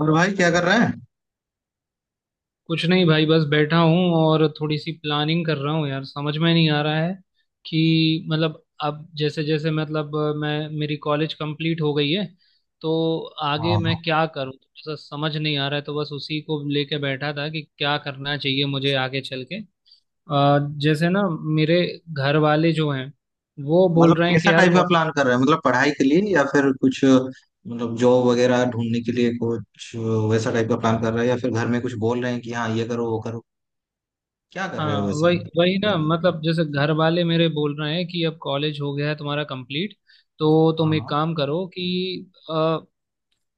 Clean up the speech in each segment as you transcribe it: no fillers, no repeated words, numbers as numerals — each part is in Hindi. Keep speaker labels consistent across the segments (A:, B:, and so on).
A: और भाई क्या कर रहे हैं?
B: कुछ नहीं भाई, बस बैठा हूँ और थोड़ी सी प्लानिंग कर रहा हूँ यार, समझ में नहीं आ रहा है कि मतलब अब जैसे जैसे मतलब मैं मेरी कॉलेज कंप्लीट हो गई है तो आगे
A: हाँ।
B: मैं क्या करूँ, थोड़ा सा समझ नहीं आ रहा है। तो बस उसी को लेके बैठा था कि क्या करना चाहिए मुझे आगे चल के। अ, जैसे ना, मेरे घर वाले जो हैं वो
A: मतलब
B: बोल रहे हैं कि
A: कैसा
B: यार,
A: टाइप का प्लान कर रहे हैं, मतलब पढ़ाई के लिए या फिर कुछ मतलब जॉब वगैरह ढूंढने के लिए कुछ वैसा टाइप का प्लान कर रहे हैं, या फिर घर में कुछ बोल रहे हैं कि हाँ ये करो वो करो, क्या कर रहे हो
B: हाँ
A: वैसे?
B: वही वही ना, मतलब जैसे घर वाले मेरे बोल रहे हैं कि अब कॉलेज हो गया है तुम्हारा कंप्लीट, तो
A: हाँ
B: तुम एक
A: हाँ।
B: काम करो कि अ,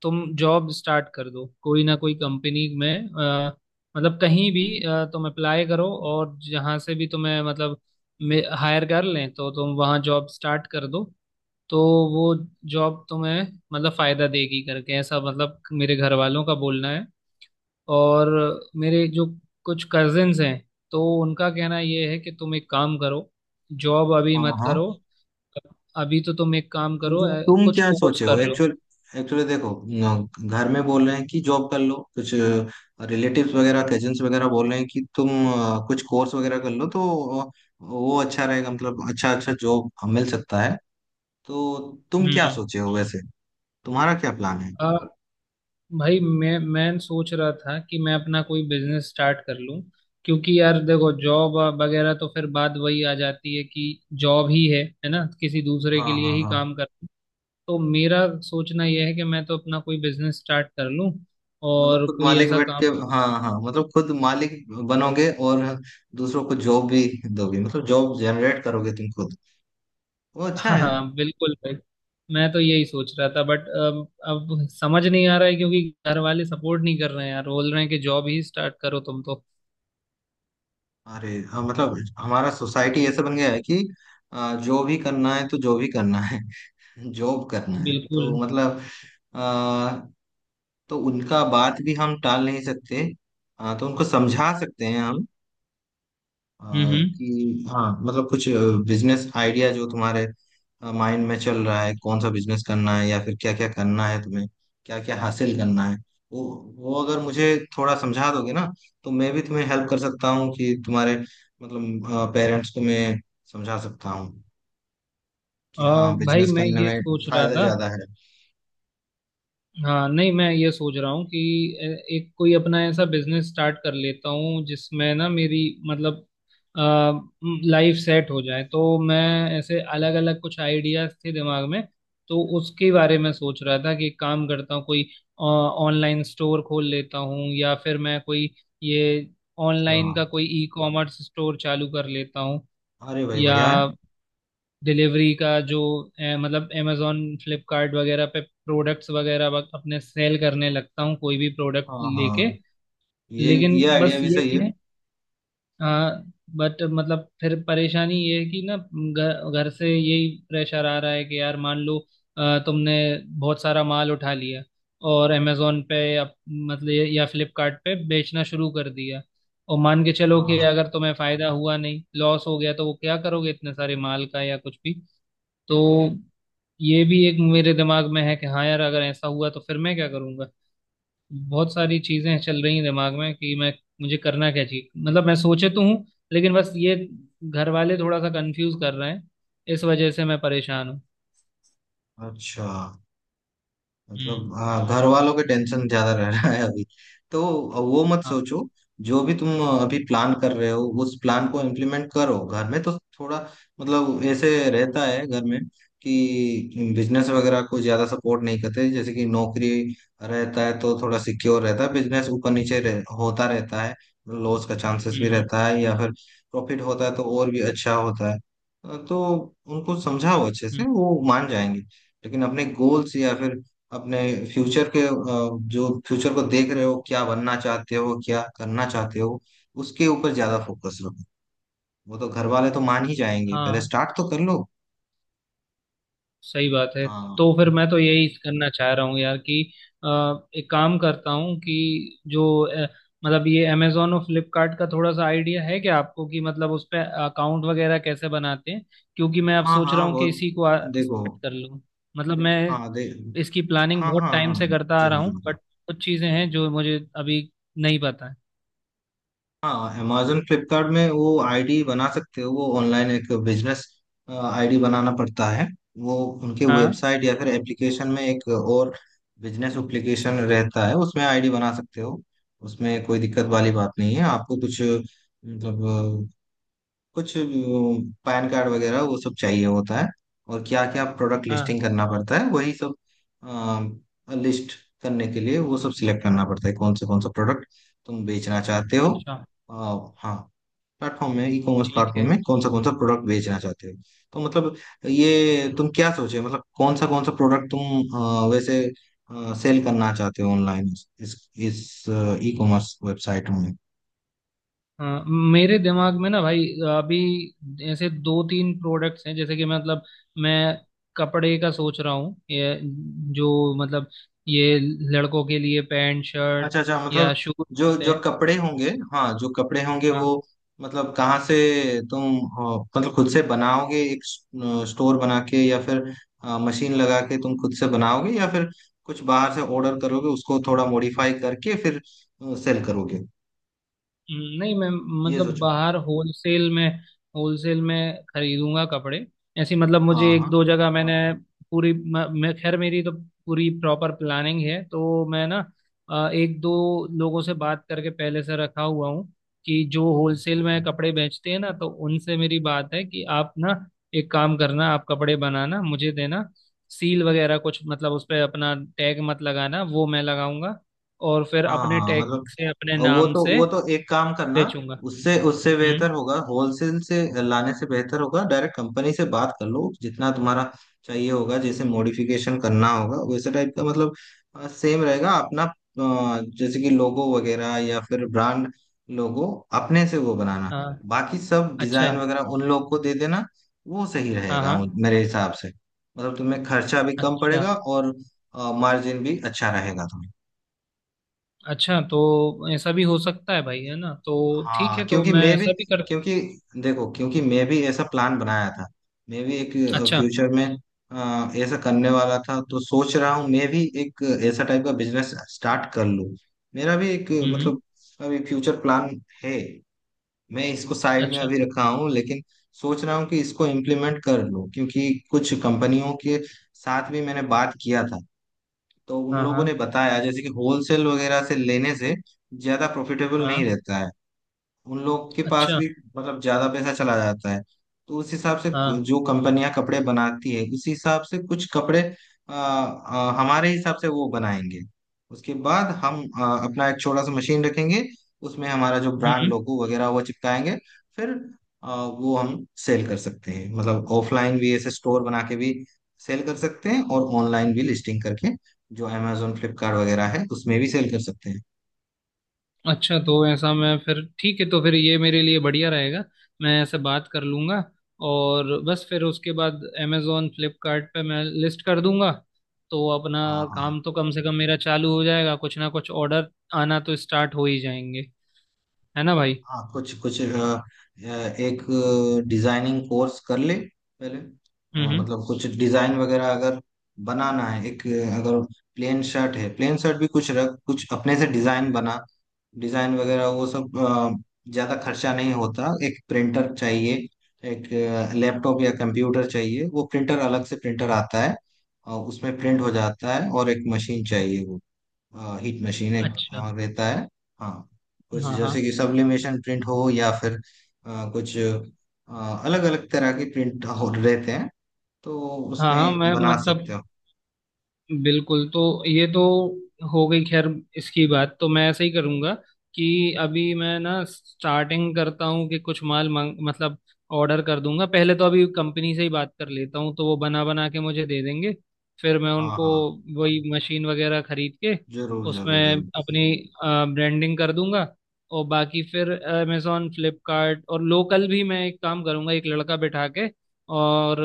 B: तुम जॉब स्टार्ट कर दो कोई ना कोई कंपनी में। अ, मतलब कहीं भी तुम अप्लाई करो और जहाँ से भी तुम्हें मतलब हायर कर लें तो तुम वहाँ जॉब स्टार्ट कर दो। तो वो जॉब तुम्हें मतलब फायदा देगी करके ऐसा, मतलब मेरे घर वालों का बोलना है। और मेरे जो कुछ कजिन्स हैं तो उनका कहना ये है कि तुम एक काम करो, जॉब अभी
A: हाँ
B: मत
A: हाँ।
B: करो। अभी तो तुम एक काम करो,
A: मतलब तुम
B: कुछ
A: क्या
B: कोर्स
A: सोचे हो
B: कर लो।
A: एक्चुअल, एक्चुअली देखो घर में बोल रहे हैं कि जॉब कर लो कुछ, रिलेटिव्स वगैरह कजिन्स वगैरह बोल रहे हैं कि तुम कुछ कोर्स वगैरह कर लो तो वो अच्छा रहेगा, मतलब अच्छा अच्छा जॉब मिल सकता है। तो तुम क्या
B: हम्म।
A: सोचे हो वैसे, तुम्हारा क्या प्लान है?
B: आ, भाई मैं सोच रहा था कि मैं अपना कोई बिजनेस स्टार्ट कर लूं, क्योंकि यार देखो जॉब वगैरह तो फिर बात वही आ जाती है कि जॉब ही है ना, किसी दूसरे के
A: हाँ
B: लिए
A: हाँ
B: ही
A: हाँ।
B: काम कर। तो मेरा सोचना यह है कि मैं तो अपना कोई बिजनेस स्टार्ट कर लूं
A: मतलब
B: और
A: खुद
B: कोई
A: मालिक
B: ऐसा
A: बैठ के।
B: काम।
A: हाँ हाँ, मतलब खुद मालिक बनोगे और दूसरों को जॉब भी दोगे, मतलब जॉब जनरेट करोगे तुम खुद। वो अच्छा
B: हाँ
A: है।
B: हाँ बिल्कुल भाई, मैं तो यही सोच रहा था, बट अब समझ नहीं आ रहा है क्योंकि घर वाले सपोर्ट नहीं कर रहे हैं यार, बोल रहे हैं कि जॉब ही स्टार्ट करो तुम तो।
A: अरे हाँ, मतलब हमारा सोसाइटी ऐसा बन गया है कि जो भी करना है तो जो भी करना है जॉब करना है
B: बिल्कुल।
A: तो मतलब आ, तो उनका बात भी हम टाल नहीं सकते। तो उनको समझा सकते हैं हम अ,
B: हम्म।
A: कि हाँ मतलब कुछ बिजनेस आइडिया जो तुम्हारे माइंड में चल रहा है, कौन सा बिजनेस करना है या फिर क्या क्या करना है तुम्हें, क्या क्या हासिल करना है। वो वो अगर मुझे थोड़ा समझा दोगे ना, तो मैं भी तुम्हें हेल्प कर सकता हूँ कि तुम्हारे मतलब पेरेंट्स को मैं समझा सकता हूँ कि हाँ
B: भाई
A: बिजनेस
B: मैं
A: करने
B: ये
A: में
B: सोच रहा
A: फायदा
B: था।
A: ज्यादा है।
B: हाँ नहीं, मैं ये सोच रहा हूँ कि एक कोई अपना ऐसा बिजनेस स्टार्ट कर लेता हूँ जिसमें ना मेरी मतलब लाइफ सेट हो जाए। तो मैं ऐसे अलग अलग कुछ आइडियाज थे दिमाग में, तो उसके बारे में सोच रहा था कि एक काम करता हूँ कोई ऑनलाइन स्टोर खोल लेता हूँ या फिर मैं कोई ये
A: अच्छा।
B: ऑनलाइन का कोई ई कॉमर्स स्टोर चालू कर लेता हूँ,
A: अरे भाई
B: या
A: बढ़िया है।
B: डिलीवरी का जो मतलब अमेजोन फ्लिपकार्ट वगैरह पे प्रोडक्ट्स वगैरह अपने सेल करने लगता हूँ कोई भी प्रोडक्ट
A: हाँ
B: लेके।
A: हाँ, ये
B: लेकिन
A: ये आइडिया
B: बस
A: भी
B: ये
A: सही है।
B: है, हाँ, बट मतलब फिर परेशानी ये है कि ना घर घर से यही प्रेशर आ रहा है कि यार मान लो तुमने बहुत सारा माल उठा लिया और अमेजोन पे या मतलब या फ्लिपकार्ट पे बेचना शुरू कर दिया, और मान के चलो कि
A: हाँ
B: अगर तुम्हें फायदा हुआ नहीं, लॉस हो गया, तो वो क्या करोगे इतने सारे माल का या कुछ भी। तो ये भी एक मेरे दिमाग में है कि हाँ यार अगर ऐसा हुआ तो फिर मैं क्या करूंगा। बहुत सारी चीजें चल रही हैं दिमाग में कि मैं मुझे करना क्या चाहिए, मतलब मैं सोचे तो हूँ, लेकिन बस ये घर वाले थोड़ा सा कंफ्यूज कर रहे हैं, इस वजह से मैं परेशान हूँ।
A: हाँ, अच्छा। मतलब
B: हम्म।
A: हाँ, घर वालों के टेंशन ज्यादा रह रहा है अभी, तो वो मत
B: हाँ।
A: सोचो। जो भी तुम अभी प्लान कर रहे हो उस प्लान को इम्प्लीमेंट करो। घर में तो थोड़ा मतलब ऐसे रहता है घर में, कि बिजनेस वगैरह को ज्यादा सपोर्ट नहीं करते। जैसे कि नौकरी रहता है तो थोड़ा सिक्योर रहता है, बिजनेस ऊपर नीचे होता रहता है, लॉस का चांसेस
B: हम्म।
A: भी
B: हम्म।
A: रहता है, या फिर प्रॉफिट होता है तो और भी अच्छा होता है। तो उनको समझाओ अच्छे से, वो मान जाएंगे। लेकिन अपने गोल्स या फिर अपने
B: हम्म।
A: फ्यूचर के जो फ्यूचर को देख रहे हो, क्या बनना चाहते हो, क्या करना चाहते हो, उसके ऊपर ज्यादा फोकस रखो। वो तो घर वाले तो मान ही जाएंगे, पहले
B: हाँ
A: स्टार्ट तो कर लो।
B: सही बात है।
A: हाँ
B: तो फिर मैं तो यही करना चाह रहा हूँ यार कि अ, एक काम करता हूँ कि जो मतलब ये अमेजोन और फ्लिपकार्ट का थोड़ा सा आइडिया है क्या आपको, कि मतलब उस पे अकाउंट वगैरह कैसे बनाते हैं? क्योंकि मैं अब
A: हाँ,
B: सोच रहा
A: हाँ
B: हूँ कि
A: बहुत।
B: इसी को
A: देखो,
B: स्टार्ट कर लूँ, मतलब मैं
A: हाँ दे,
B: इसकी प्लानिंग
A: हाँ
B: बहुत
A: हाँ
B: टाइम
A: हाँ,
B: से करता आ रहा
A: जरूर जरूर
B: हूँ
A: जरूर।
B: बट कुछ चीज़ें हैं जो मुझे अभी नहीं पता है।
A: हाँ, amazon फ्लिपकार्ट में वो आईडी बना सकते हो, वो ऑनलाइन एक बिजनेस आईडी बनाना पड़ता है। वो उनके
B: हाँ
A: वेबसाइट या फिर एप्लीकेशन में एक और बिजनेस एप्लीकेशन रहता है, उसमें आईडी बना सकते हो। उसमें कोई दिक्कत वाली बात नहीं है, आपको कुछ मतलब कुछ पैन कार्ड वगैरह वो सब चाहिए होता है। और क्या क्या प्रोडक्ट
B: हाँ।
A: लिस्टिंग करना पड़ता है, वही सब लिस्ट करने के लिए वो सब सिलेक्ट करना पड़ता है, कौन से कौन सा प्रोडक्ट तुम बेचना चाहते हो।
B: अच्छा।
A: हाँ, प्लेटफॉर्म में, ई कॉमर्स
B: ठीक है।
A: प्लेटफॉर्म में कौन सा प्रोडक्ट बेचना चाहते हो? तो मतलब ये तुम क्या सोचे, मतलब कौन सा प्रोडक्ट तुम वैसे सेल करना चाहते हो ऑनलाइन, इस इस ई कॉमर्स वेबसाइट में?
B: हाँ मेरे दिमाग में ना भाई, अभी ऐसे दो तीन प्रोडक्ट्स हैं, जैसे कि मैं कपड़े का सोच रहा हूँ, ये जो मतलब ये लड़कों के लिए पैंट
A: अच्छा
B: शर्ट्स
A: अच्छा, मतलब
B: या शूज
A: जो
B: होते
A: जो
B: हैं।
A: कपड़े होंगे, हाँ जो कपड़े होंगे वो,
B: हाँ।
A: मतलब कहाँ से तुम मतलब खुद से बनाओगे एक स्टोर बना के, या फिर मशीन लगा के तुम खुद से बनाओगे, या फिर कुछ बाहर से ऑर्डर करोगे उसको थोड़ा मॉडिफाई करके फिर सेल करोगे?
B: नहीं मैं
A: ये
B: मतलब
A: सोचो।
B: बाहर होलसेल में खरीदूंगा कपड़े। ऐसी मतलब
A: हाँ
B: मुझे एक
A: हाँ।
B: दो जगह मैंने पूरी मैं, खैर मेरी तो पूरी प्रॉपर प्लानिंग है, तो मैं ना एक दो लोगों से बात करके पहले से रखा हुआ हूँ कि जो
A: अच्छा
B: होलसेल
A: अच्छा।
B: में कपड़े बेचते हैं ना तो उनसे मेरी बात है कि आप ना एक काम करना, आप कपड़े बनाना मुझे देना, सील वगैरह कुछ मतलब उस पर अपना टैग मत लगाना, वो मैं लगाऊंगा, और फिर
A: हाँ
B: अपने
A: हाँ,
B: टैग
A: मतलब,
B: से अपने
A: और वो
B: नाम
A: तो
B: से
A: वो तो एक काम करना,
B: बेचूंगा।
A: उससे उससे बेहतर
B: हम्म।
A: होगा, होलसेल से लाने से बेहतर होगा डायरेक्ट कंपनी से बात कर लो। जितना तुम्हारा चाहिए होगा, जैसे मॉडिफिकेशन करना होगा वैसे टाइप का, मतलब सेम रहेगा अपना जैसे कि लोगो वगैरह या फिर ब्रांड लोगो अपने से वो बनाना,
B: हाँ।
A: बाकी सब
B: अच्छा।
A: डिजाइन वगैरह उन लोग को दे देना। वो सही
B: हाँ
A: रहेगा
B: हाँ।
A: मेरे हिसाब से। मतलब तुम्हें खर्चा भी कम
B: अच्छा
A: पड़ेगा और मार्जिन भी अच्छा रहेगा तुम्हें।
B: अच्छा तो ऐसा भी हो सकता है भाई, है ना? तो ठीक
A: हाँ
B: है, तो
A: क्योंकि
B: मैं
A: मैं भी,
B: ऐसा भी कर।
A: क्योंकि देखो क्योंकि मैं भी ऐसा प्लान बनाया था, मैं भी एक
B: अच्छा।
A: फ्यूचर में ऐसा करने वाला था। तो सोच रहा हूँ मैं भी एक ऐसा टाइप का बिजनेस स्टार्ट कर लूँ। मेरा भी एक
B: हम्म।
A: मतलब अभी फ्यूचर प्लान है, मैं इसको साइड में
B: अच्छा।
A: अभी रखा हूँ, लेकिन सोच रहा हूँ कि इसको इम्प्लीमेंट कर लूँ, क्योंकि कुछ कंपनियों के साथ भी मैंने बात किया था, तो उन
B: हाँ हाँ
A: लोगों ने बताया जैसे कि होलसेल वगैरह से लेने से ज्यादा प्रॉफिटेबल
B: हाँ।
A: नहीं रहता है, उन लोग के पास
B: अच्छा।
A: भी मतलब ज्यादा पैसा चला जाता है। तो उस हिसाब से
B: हाँ।
A: जो कंपनियां कपड़े बनाती है उस हिसाब से कुछ कपड़े आ, आ, हमारे हिसाब से वो बनाएंगे। उसके बाद हम अपना एक छोटा सा मशीन रखेंगे, उसमें हमारा जो ब्रांड
B: हम्म।
A: लोगो वगैरह वो चिपकाएंगे, फिर वो हम सेल कर सकते हैं। मतलब ऑफलाइन भी ऐसे स्टोर बना के भी सेल कर सकते हैं, और ऑनलाइन भी लिस्टिंग करके जो अमेजोन फ्लिपकार्ट वगैरह है उसमें भी सेल कर सकते हैं।
B: अच्छा तो ऐसा मैं फिर, ठीक है तो फिर ये मेरे लिए बढ़िया रहेगा। मैं ऐसे बात कर लूंगा, और बस फिर उसके बाद अमेजोन फ्लिपकार्ट पे मैं लिस्ट कर दूंगा, तो अपना
A: हाँ हाँ
B: काम तो कम से कम मेरा चालू हो जाएगा, कुछ ना कुछ ऑर्डर आना तो स्टार्ट हो ही जाएंगे। है ना भाई?
A: हाँ। कुछ कुछ एक डिजाइनिंग कोर्स कर ले पहले।
B: हम्म हम्म।
A: मतलब कुछ डिजाइन वगैरह अगर बनाना है, एक अगर प्लेन शर्ट है, प्लेन शर्ट भी कुछ रख कुछ अपने से डिजाइन बना, डिजाइन वगैरह वो सब ज्यादा खर्चा नहीं होता, एक प्रिंटर चाहिए, एक लैपटॉप या कंप्यूटर चाहिए, वो प्रिंटर अलग से प्रिंटर आता है, उसमें प्रिंट हो जाता है, और एक मशीन चाहिए, वो हाँ हीट मशीन एक
B: अच्छा।
A: हाँ रहता है। हाँ कुछ
B: हाँ
A: जैसे
B: हाँ
A: कि सब्लिमेशन प्रिंट हो, या फिर कुछ अलग अलग तरह के प्रिंट हो रहते हैं, तो
B: हाँ। हाँ
A: उसमें
B: मैं
A: बना
B: मतलब
A: सकते हो।
B: बिल्कुल। तो ये तो हो गई, खैर इसकी बात तो मैं ऐसे ही करूंगा कि अभी मैं ना स्टार्टिंग करता हूँ कि कुछ माल मांग मतलब ऑर्डर कर दूंगा, पहले तो अभी कंपनी से ही बात कर लेता हूँ तो वो बना बना के मुझे दे देंगे, फिर मैं
A: हाँ
B: उनको
A: हाँ,
B: वही मशीन वगैरह खरीद के
A: जरूर जरूर
B: उसमें
A: जरूर।
B: अपनी ब्रांडिंग कर दूंगा, और बाकी फिर अमेजोन फ्लिपकार्ट और लोकल भी मैं एक काम करूंगा एक लड़का बैठा के, और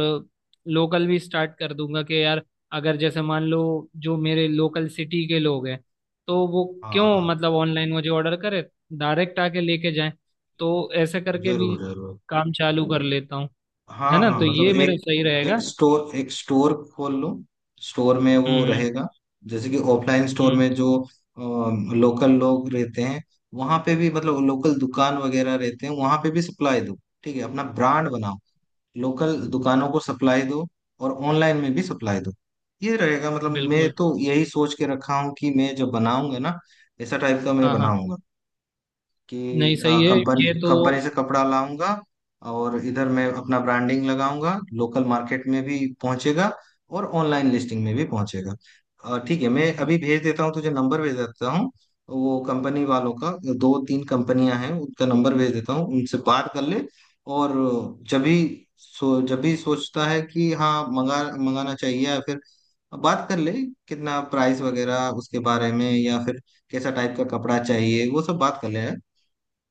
B: लोकल भी स्टार्ट कर दूंगा कि यार अगर जैसे मान लो जो मेरे लोकल सिटी के लोग हैं, तो वो क्यों
A: हाँ हाँ,
B: मतलब ऑनलाइन मुझे ऑर्डर करे, डायरेक्ट आके लेके जाए, तो ऐसे करके भी
A: जरूर जरूर।
B: काम चालू कर लेता हूँ।
A: हाँ
B: है ना?
A: हाँ,
B: तो
A: मतलब
B: ये
A: एक,
B: मेरा सही रहेगा।
A: एक
B: हम्म।
A: स्टोर एक स्टोर खोल लो, स्टोर में वो
B: हम्म।
A: रहेगा, जैसे कि ऑफलाइन स्टोर
B: हम्म।
A: में जो लोकल लोग रहते हैं वहां पे भी, मतलब लोकल दुकान वगैरह रहते हैं वहां पे भी सप्लाई दो। ठीक है, अपना ब्रांड बनाओ, लोकल दुकानों को सप्लाई दो और ऑनलाइन में भी सप्लाई दो। ये रहेगा, मतलब मैं
B: बिल्कुल।
A: तो यही सोच के रखा हूँ कि मैं जब बनाऊंगा ना, ऐसा टाइप का मैं
B: हाँ हाँ।
A: बनाऊंगा कि
B: नहीं
A: हाँ
B: सही है
A: कंपनी,
B: ये तो।
A: कंपनी से कपड़ा लाऊंगा और इधर मैं अपना ब्रांडिंग लगाऊंगा, लोकल मार्केट में भी पहुंचेगा और ऑनलाइन लिस्टिंग में भी पहुंचेगा। ठीक है, मैं अभी भेज देता हूँ तुझे, नंबर भेज देता हूँ वो कंपनी वालों का। दो तीन कंपनियां हैं, उनका नंबर भेज देता हूँ, उनसे बात कर ले। और जब भी, जब भी सोचता है कि हाँ मंगा मंगाना चाहिए, या फिर बात कर ले कितना प्राइस वगैरह उसके बारे में, या फिर कैसा टाइप का कपड़ा चाहिए वो सब बात कर ले,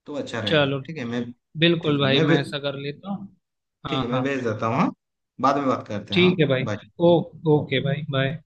A: तो अच्छा रहेगा।
B: चलो,
A: ठीक है, मैं,
B: बिल्कुल
A: ठीक है
B: भाई
A: मैं
B: मैं ऐसा कर लेता हूँ।
A: ठीक
B: हाँ
A: है मैं
B: हाँ।
A: भेज देता हूँ हाँ, बाद में बात करते हैं। हाँ
B: ठीक है भाई।
A: बाय।
B: ओ, ओके भाई, बाय।